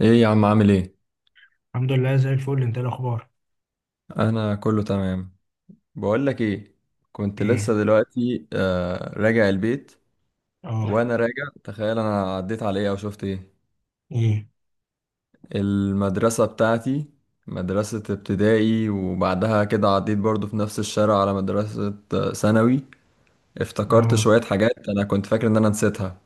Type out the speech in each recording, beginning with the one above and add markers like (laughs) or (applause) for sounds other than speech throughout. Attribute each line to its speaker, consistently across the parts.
Speaker 1: ايه يا عم، عامل ايه؟
Speaker 2: الحمد لله زي الفل، انت ايه الاخبار؟
Speaker 1: انا كله تمام. بقول لك ايه، كنت لسه
Speaker 2: ايه.
Speaker 1: دلوقتي راجع البيت.
Speaker 2: اه.
Speaker 1: وانا راجع تخيل انا عديت على ايه او شفت ايه؟
Speaker 2: ايه.
Speaker 1: المدرسة بتاعتي، مدرسة ابتدائي. وبعدها كده عديت برضو في نفس الشارع على مدرسة ثانوي. افتكرت
Speaker 2: اه.
Speaker 1: شوية حاجات انا كنت فاكر ان انا نسيتها.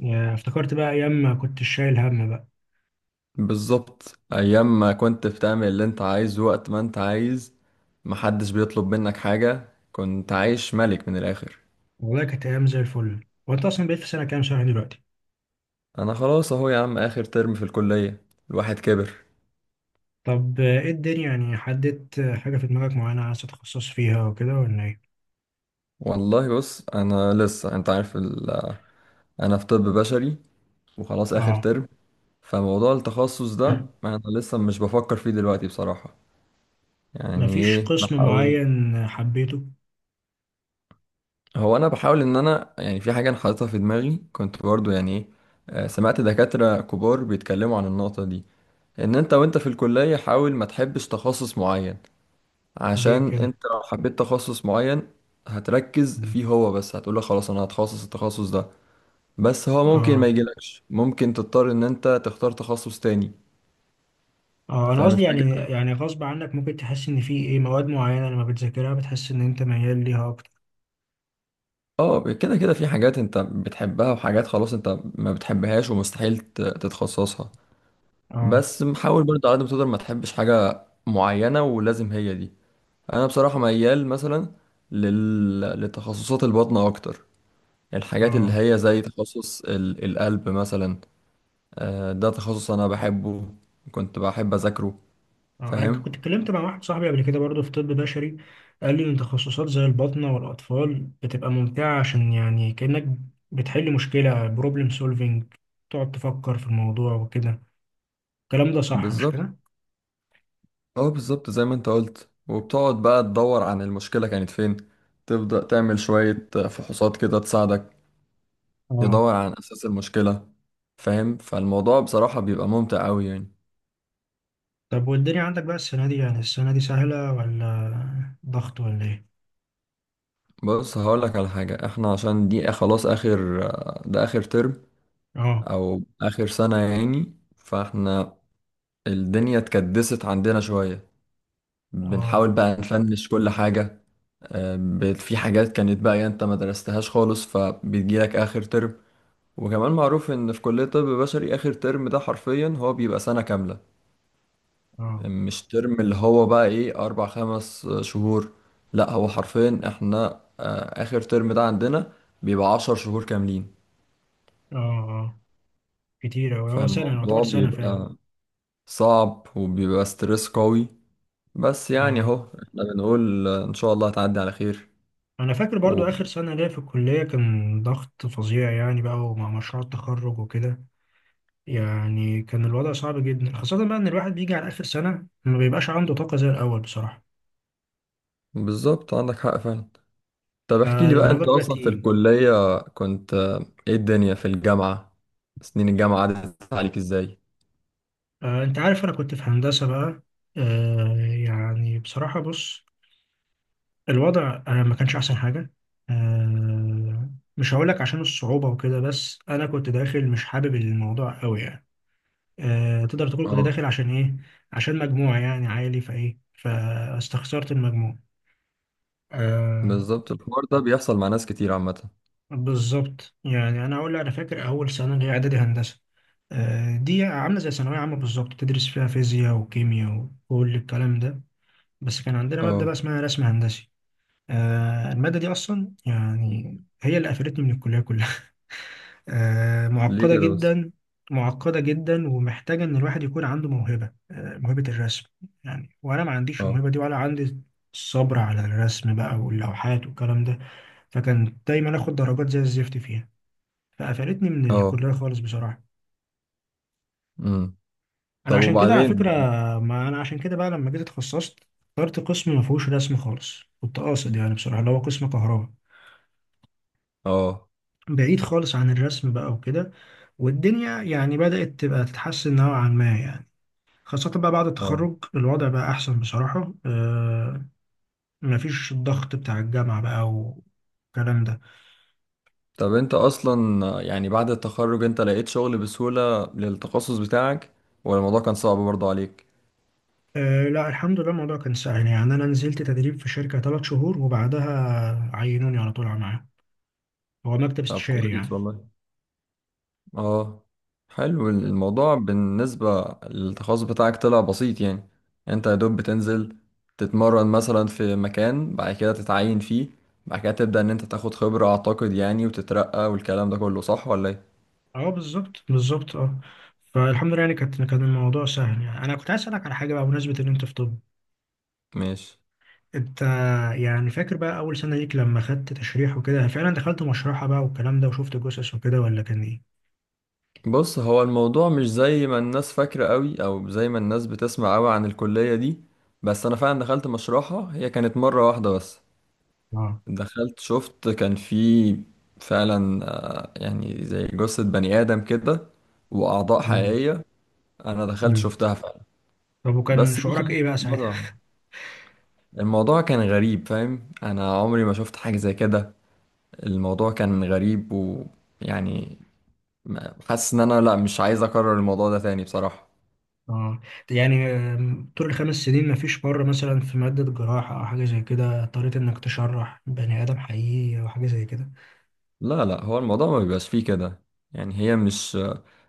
Speaker 2: يا افتكرت بقى ايام ما كنت شايل هم بقى.
Speaker 1: بالظبط، ايام ما كنت بتعمل اللي انت عايزه وقت ما انت عايز، محدش بيطلب منك حاجة، كنت عايش ملك من الاخر.
Speaker 2: والله كانت ايام زي الفل، وانت اصلا بقيت في سنه كام شهر دلوقتي؟
Speaker 1: انا خلاص اهو يا عم، اخر ترم في الكلية، الواحد كبر.
Speaker 2: طب، ايه الدنيا، يعني حددت حاجه في دماغك معينه عايز تتخصص فيها وكده ولا ايه؟
Speaker 1: والله بص، انا لسه انت عارف انا في طب بشري وخلاص اخر
Speaker 2: اه.
Speaker 1: ترم، فموضوع التخصص ده
Speaker 2: (coughs)
Speaker 1: انا لسه مش بفكر فيه دلوقتي بصراحة. يعني
Speaker 2: مفيش
Speaker 1: ايه،
Speaker 2: قسم
Speaker 1: بحاول.
Speaker 2: معين حبيته؟
Speaker 1: هو انا بحاول ان انا يعني في حاجة انا حاططها في دماغي، كنت برضو يعني ايه، سمعت دكاترة كبار بيتكلموا عن النقطة دي: ان انت وانت في الكلية حاول ما تحبش تخصص معين،
Speaker 2: ليه
Speaker 1: عشان
Speaker 2: كده؟
Speaker 1: انت لو حبيت تخصص معين هتركز
Speaker 2: مم.
Speaker 1: فيه هو بس، هتقول له خلاص انا هتخصص التخصص ده، بس هو ممكن ما
Speaker 2: اه،
Speaker 1: يجيلكش، ممكن تضطر ان انت تختار تخصص تاني.
Speaker 2: اه، انا
Speaker 1: فاهم
Speaker 2: قصدي يعني
Speaker 1: الفكرة؟
Speaker 2: يعني غصب عنك ممكن تحس ان في ايه مواد معينه لما بتذاكرها بتحس ان انت ميال ليها اكتر.
Speaker 1: اه، كده كده في حاجات انت بتحبها وحاجات خلاص انت ما بتحبهاش ومستحيل تتخصصها.
Speaker 2: اه،
Speaker 1: بس حاول برضه على قد ما تقدر ما تحبش حاجة معينة ولازم هي دي. انا بصراحة ميال مثلا لتخصصات البطنة اكتر، الحاجات اللي
Speaker 2: اه.
Speaker 1: هي زي تخصص القلب مثلا. ده تخصص انا بحبه، كنت بحب اذاكره.
Speaker 2: انا
Speaker 1: فاهم.
Speaker 2: كنت اتكلمت مع واحد صاحبي قبل كده برضه في طب بشري، قال لي ان تخصصات زي الباطنه والاطفال بتبقى ممتعه، عشان يعني كانك بتحل مشكله، بروبلم سولفينج، تقعد تفكر في الموضوع وكده. الكلام ده صح مش
Speaker 1: بالظبط.
Speaker 2: كده؟
Speaker 1: اه بالظبط، زي ما انت قلت، وبتقعد بقى تدور عن المشكلة كانت فين، تبدأ تعمل شوية فحوصات كده تساعدك
Speaker 2: اه.
Speaker 1: تدور عن اساس المشكلة، فاهم. فالموضوع بصراحة بيبقى ممتع قوي يعني.
Speaker 2: طب والدنيا عندك بقى السنه دي، يعني السنه دي سهله ولا ضغط ولا ايه؟
Speaker 1: بص هقولك على حاجة، احنا عشان دي خلاص اخر ده اخر ترم
Speaker 2: اه،
Speaker 1: او اخر سنة يعني، فاحنا الدنيا اتكدست عندنا شوية،
Speaker 2: اه،
Speaker 1: بنحاول بقى نفنش كل حاجة. بقت في حاجات كانت بقى يعني انت ما درستهاش خالص فبتجيلك اخر ترم. وكمان معروف ان في كلية طب بشري اخر ترم ده حرفيا هو بيبقى سنة كاملة،
Speaker 2: اه،
Speaker 1: مش ترم اللي هو بقى ايه، اربع خمس شهور. لا هو حرفيا احنا، اخر ترم ده عندنا بيبقى 10 شهور كاملين.
Speaker 2: اه. اه، كتير اوي، هو سنه يعتبر
Speaker 1: فالموضوع
Speaker 2: سنه فعلا.
Speaker 1: بيبقى صعب وبيبقى ستريس قوي، بس يعني
Speaker 2: اه،
Speaker 1: اهو، احنا بنقول ان شاء الله هتعدي على خير.
Speaker 2: انا فاكر برضو اخر سنه ليا في الكليه كان ضغط فظيع يعني بقى، ومع مشروع التخرج وكده، يعني كان الوضع صعب جدا، خاصة بقى إن الواحد بيجي على آخر سنة ما بيبقاش عنده طاقة زي الأول بصراحة.
Speaker 1: وبالظبط عندك حق فعلا. طب احكي لي بقى،
Speaker 2: فالموضوع
Speaker 1: انت
Speaker 2: بيبقى
Speaker 1: اصلا في
Speaker 2: تقيل.
Speaker 1: الكلية كنت ايه الدنيا في الجامعة؟ سنين الجامعة عدت عليك ازاي؟
Speaker 2: أنت عارف أنا كنت في هندسة بقى. يعني بصراحة بص، الوضع ما كانش أحسن حاجة. آه، مش هقولك عشان الصعوبة وكده، بس أنا كنت داخل مش حابب الموضوع أوي يعني. تقدر تقول كنت
Speaker 1: اه
Speaker 2: داخل عشان إيه؟ عشان مجموع يعني عالي، فإيه، فاستخسرت المجموع. آه،
Speaker 1: بالظبط، الحوار ده بيحصل مع ناس كتير عامة.
Speaker 2: بالظبط. يعني انا اقول انا فاكر اول سنه اللي هي اعدادي هندسه، دي عامله زي ثانويه عامه بالظبط، تدرس فيها فيزياء وكيمياء وكل الكلام ده. بس كان عندنا ماده
Speaker 1: اه.
Speaker 2: بقى اسمها رسم هندسي. الماده دي اصلا يعني هي اللي قفلتني من الكليه كلها. (laughs)
Speaker 1: ليه
Speaker 2: معقده
Speaker 1: كده بس؟
Speaker 2: جدا. معقده جدا، ومحتاجه ان الواحد يكون عنده موهبه، موهبه الرسم يعني، وانا ما عنديش
Speaker 1: اه.
Speaker 2: الموهبه دي ولا عندي الصبر على الرسم بقى واللوحات والكلام ده. فكان دايما اخد درجات زي الزفت فيها، فقفلتني من
Speaker 1: اه.
Speaker 2: الكليه خالص بصراحه.
Speaker 1: امم.
Speaker 2: انا
Speaker 1: طب
Speaker 2: عشان كده على
Speaker 1: وبعدين؟
Speaker 2: فكره، ما انا عشان كده بقى لما جيت اتخصصت اخترت قسم ما فيهوش رسم خالص، كنت قاصد يعني بصراحه، اللي هو قسم كهرباء،
Speaker 1: اه.
Speaker 2: بعيد خالص عن الرسم بقى وكده. والدنيا يعني بدأت تبقى تتحسن نوعا ما يعني، خاصة بقى بعد
Speaker 1: اه.
Speaker 2: التخرج الوضع بقى أحسن بصراحة مفيش الضغط بتاع الجامعة بقى والكلام ده.
Speaker 1: طب انت اصلا يعني بعد التخرج انت لقيت شغل بسهولة للتخصص بتاعك، ولا الموضوع كان صعب برضه عليك؟
Speaker 2: آه، لا الحمد لله، الموضوع كان سهل. يعني أنا نزلت تدريب في شركة 3 شهور، وبعدها عينوني على طول على معاهم. هو مكتب
Speaker 1: طب
Speaker 2: استشاري
Speaker 1: كويس
Speaker 2: يعني.
Speaker 1: والله. اه، حلو. الموضوع بالنسبة للتخصص بتاعك طلع بسيط يعني. يعني انت يا دوب بتنزل تتمرن مثلا في مكان، بعد كده تتعين فيه، بعد كده تبدأ ان انت تاخد خبرة اعتقد يعني وتترقى والكلام ده كله، صح ولا ايه؟
Speaker 2: اه، بالظبط بالظبط. اه، فالحمد لله يعني، كان الموضوع سهل. يعني انا كنت عايز اسالك على حاجه بقى بمناسبه ان انت في طب.
Speaker 1: ماشي.
Speaker 2: انت يعني فاكر بقى اول سنه ليك لما خدت تشريح وكده، فعلا دخلت مشرحه بقى والكلام ده وشفت جثث وكده ولا كان ايه؟
Speaker 1: بص هو الموضوع مش زي ما الناس فاكرة قوي او زي ما الناس بتسمع قوي عن الكلية دي. بس انا فعلا دخلت مشروعها، هي كانت مرة واحدة بس.
Speaker 2: اه.
Speaker 1: دخلت شفت كان في فعلا يعني زي جثة بني آدم كده وأعضاء
Speaker 2: امم.
Speaker 1: حقيقية. أنا دخلت
Speaker 2: امم.
Speaker 1: شفتها فعلا،
Speaker 2: طب وكان
Speaker 1: بس دي
Speaker 2: شعورك
Speaker 1: كانت
Speaker 2: ايه بقى ساعتها؟
Speaker 1: مرة. الموضوع كان غريب، فاهم، أنا عمري ما شفت حاجة زي كده. الموضوع كان غريب ويعني حاسس إن أنا لأ، مش عايز أكرر الموضوع ده تاني بصراحة.
Speaker 2: اه، يعني طول ال 5 سنين، مفيش مره مثلا في ماده جراحه او حاجه زي كده اضطريت انك تشرح بني ادم حقيقي او حاجه زي كده؟
Speaker 1: لا لا، هو الموضوع ما بيبقاش فيه كده، يعني هي مش،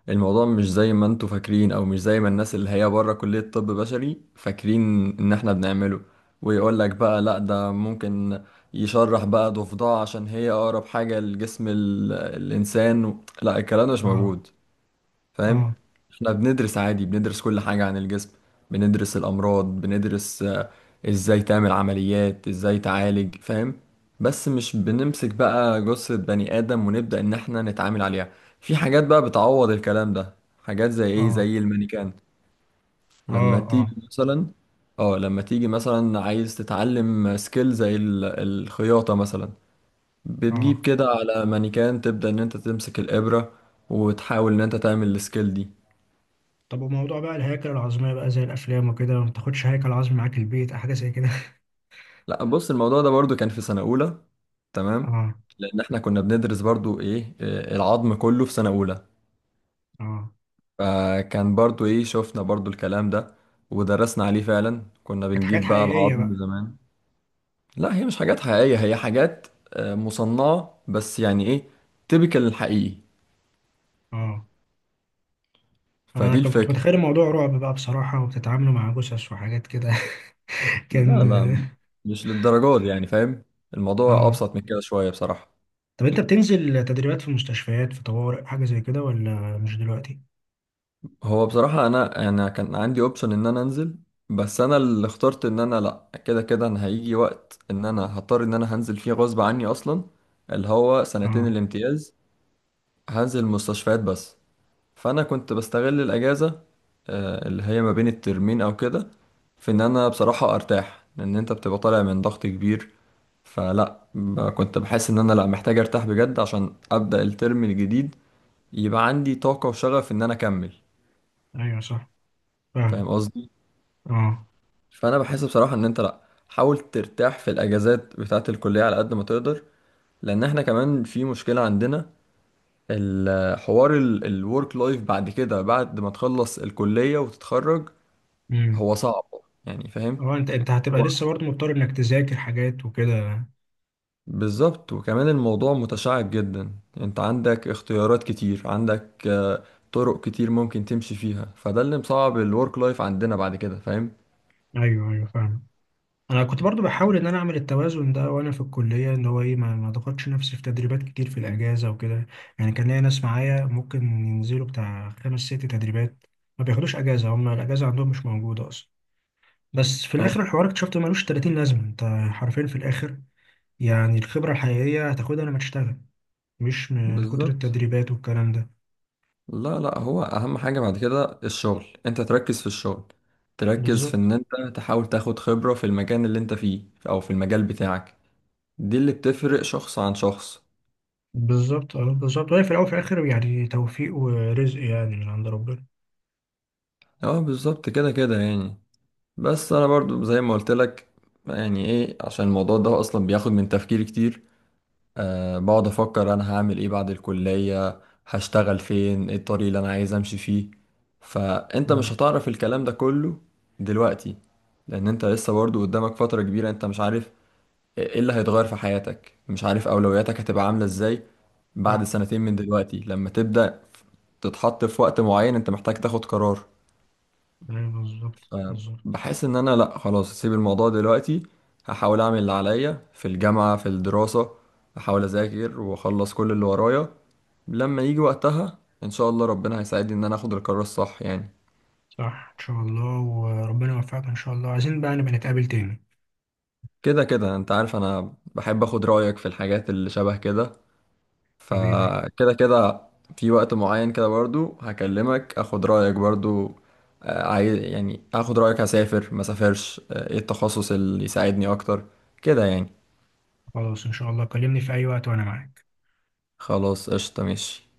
Speaker 1: الموضوع مش زي ما انتوا فاكرين او مش زي ما الناس اللي هي بره كلية طب بشري فاكرين ان احنا بنعمله. ويقول لك بقى لا، ده ممكن يشرح بقى ضفدع عشان هي اقرب حاجة لجسم الانسان. لا الكلام ده مش
Speaker 2: اه،
Speaker 1: موجود، فاهم.
Speaker 2: اه،
Speaker 1: احنا بندرس عادي، بندرس كل حاجة عن الجسم، بندرس الأمراض، بندرس ازاي تعمل عمليات، ازاي تعالج، فاهم. بس مش بنمسك بقى جثة بني آدم ونبدأ إن احنا نتعامل عليها. في حاجات بقى بتعوض الكلام ده، حاجات زي ايه،
Speaker 2: اه،
Speaker 1: زي المانيكان.
Speaker 2: اه،
Speaker 1: لما
Speaker 2: اه،
Speaker 1: تيجي مثلا. اه لما تيجي مثلا عايز تتعلم سكيل زي الخياطة مثلا، بتجيب
Speaker 2: اه.
Speaker 1: كده على مانيكان، تبدأ إن انت تمسك الإبرة وتحاول إن انت تعمل السكيل دي.
Speaker 2: طب، وموضوع بقى الهياكل العظمية بقى زي الأفلام وكده، ما تاخدش هيكل عظمي معاك البيت أو حاجة زي كده؟
Speaker 1: لا بص، الموضوع ده برضو كان في سنة أولى،
Speaker 2: (laughs)
Speaker 1: تمام.
Speaker 2: اه،
Speaker 1: لأن احنا كنا بندرس برضو إيه آه، العظم كله في سنة أولى.
Speaker 2: اه.
Speaker 1: فكان برضو شفنا برضو الكلام ده ودرسنا عليه، فعلا كنا
Speaker 2: كانت حاجات
Speaker 1: بنجيب بقى
Speaker 2: حقيقية
Speaker 1: العظم
Speaker 2: بقى.
Speaker 1: زمان. لا هي مش حاجات حقيقية، هي حاجات مصنعة بس، يعني تبكل الحقيقي.
Speaker 2: اه. أنا
Speaker 1: فدي
Speaker 2: كنت
Speaker 1: الفكرة.
Speaker 2: متخيل الموضوع رعب بقى بصراحة، وبتتعاملوا مع جثث وحاجات كده. (laughs)
Speaker 1: لا
Speaker 2: كان.
Speaker 1: لا، مش للدرجات دي، يعني فاهم،
Speaker 2: اه.
Speaker 1: الموضوع
Speaker 2: آه.
Speaker 1: أبسط من كده شوية بصراحة.
Speaker 2: طب أنت بتنزل تدريبات في مستشفيات، في طوارئ، حاجة زي كده، ولا مش دلوقتي؟
Speaker 1: هو بصراحة أنا كان عندي أوبشن إن أنا أنزل، بس أنا اللي اخترت إن أنا لأ، كده كده أنا هيجي وقت إن أنا هضطر إن أنا هنزل فيه غصب عني أصلا، اللي هو سنتين
Speaker 2: اه،
Speaker 1: الامتياز. هنزل مستشفيات بس. فأنا كنت بستغل الأجازة اللي هي ما بين الترمين أو كده، في إن أنا بصراحة أرتاح، لأن أنت بتبقى طالع من ضغط كبير. فلا كنت بحس إن أنا لأ محتاج أرتاح بجد، عشان أبدأ الترم الجديد يبقى عندي طاقة وشغف إن أنا أكمل.
Speaker 2: أيوه صح،
Speaker 1: فاهم
Speaker 2: فاهم.
Speaker 1: قصدي؟
Speaker 2: اه،
Speaker 1: فانا بحس بصراحه ان انت لا، حاول ترتاح في الاجازات بتاعه الكليه على قد ما تقدر، لان احنا كمان في مشكله عندنا: الحوار الورك لايف بعد كده، بعد ما تخلص الكليه وتتخرج،
Speaker 2: امم،
Speaker 1: هو صعب، يعني فاهم.
Speaker 2: اه. أنت هتبقى لسه برضه مضطر إنك تذاكر حاجات وكده.
Speaker 1: بالظبط، وكمان الموضوع متشعب جدا، انت عندك اختيارات كتير، عندك طرق كتير ممكن تمشي فيها، فده اللي مصعب الورك لايف عندنا بعد كده، فاهم.
Speaker 2: أيوه أيوه، فاهم. انا كنت برضو بحاول ان انا اعمل التوازن ده وانا في الكليه، ان هو ايه، ما ضغطش نفسي في تدريبات كتير في الاجازه وكده. يعني كان ليا ناس معايا ممكن ينزلوا بتاع 5 6 تدريبات، ما بياخدوش اجازه، هم الاجازه عندهم مش موجوده اصلا. بس في
Speaker 1: اه
Speaker 2: الاخر الحوار اكتشفت ملوش 30 لازمه انت، حرفيا في الاخر. يعني الخبره الحقيقيه هتاخدها لما تشتغل، مش من كتر
Speaker 1: بالظبط.
Speaker 2: التدريبات والكلام ده.
Speaker 1: لا لا، هو اهم حاجة بعد كده الشغل، انت تركز في الشغل، تركز في
Speaker 2: بالظبط
Speaker 1: ان انت تحاول تاخد خبرة في المكان اللي انت فيه او في المجال بتاعك. دي اللي بتفرق شخص عن شخص.
Speaker 2: بالظبط. اه، بالظبط. وهي في الاول وفي الاخر يعني توفيق ورزق يعني من عند ربنا.
Speaker 1: اه بالظبط كده كده يعني. بس انا برضو زي ما قلت لك، يعني ايه، عشان الموضوع ده اصلا بياخد من تفكيري كتير. بقعد أفكر أنا هعمل إيه بعد الكلية، هشتغل فين، إيه الطريق اللي أنا عايز أمشي فيه. فأنت
Speaker 2: أمم.
Speaker 1: مش هتعرف الكلام ده كله دلوقتي، لأن أنت لسه برضه قدامك فترة كبيرة، أنت مش عارف إيه اللي هيتغير في حياتك، مش عارف أولوياتك هتبقى عاملة إزاي بعد
Speaker 2: صح.
Speaker 1: سنتين من دلوقتي، لما تبدأ تتحط في وقت معين أنت محتاج تاخد قرار.
Speaker 2: ايوه، بالظبط
Speaker 1: آه،
Speaker 2: بالظبط.
Speaker 1: بحس ان انا لا، خلاص اسيب الموضوع دلوقتي، هحاول اعمل اللي عليا في الجامعة في الدراسة، احاول اذاكر واخلص كل اللي ورايا. لما يجي وقتها ان شاء الله ربنا هيساعدني ان انا اخد القرار الصح يعني.
Speaker 2: صح، ان شاء الله، وربنا يوفقك ان شاء الله. عايزين بقى نبقى نتقابل تاني.
Speaker 1: كده كده انت عارف انا بحب اخد رأيك في الحاجات اللي شبه كده،
Speaker 2: حبيبي.
Speaker 1: فكده كده في وقت معين كده برضو هكلمك اخد رأيك برضو. عايز يعني اخد رأيك، هسافر ما سافرش، ايه التخصص اللي يساعدني اكتر، كده يعني.
Speaker 2: خلاص، ان شاء الله، كلمني في اي وقت وانا معاك.
Speaker 1: خلاص قشطة ماشي.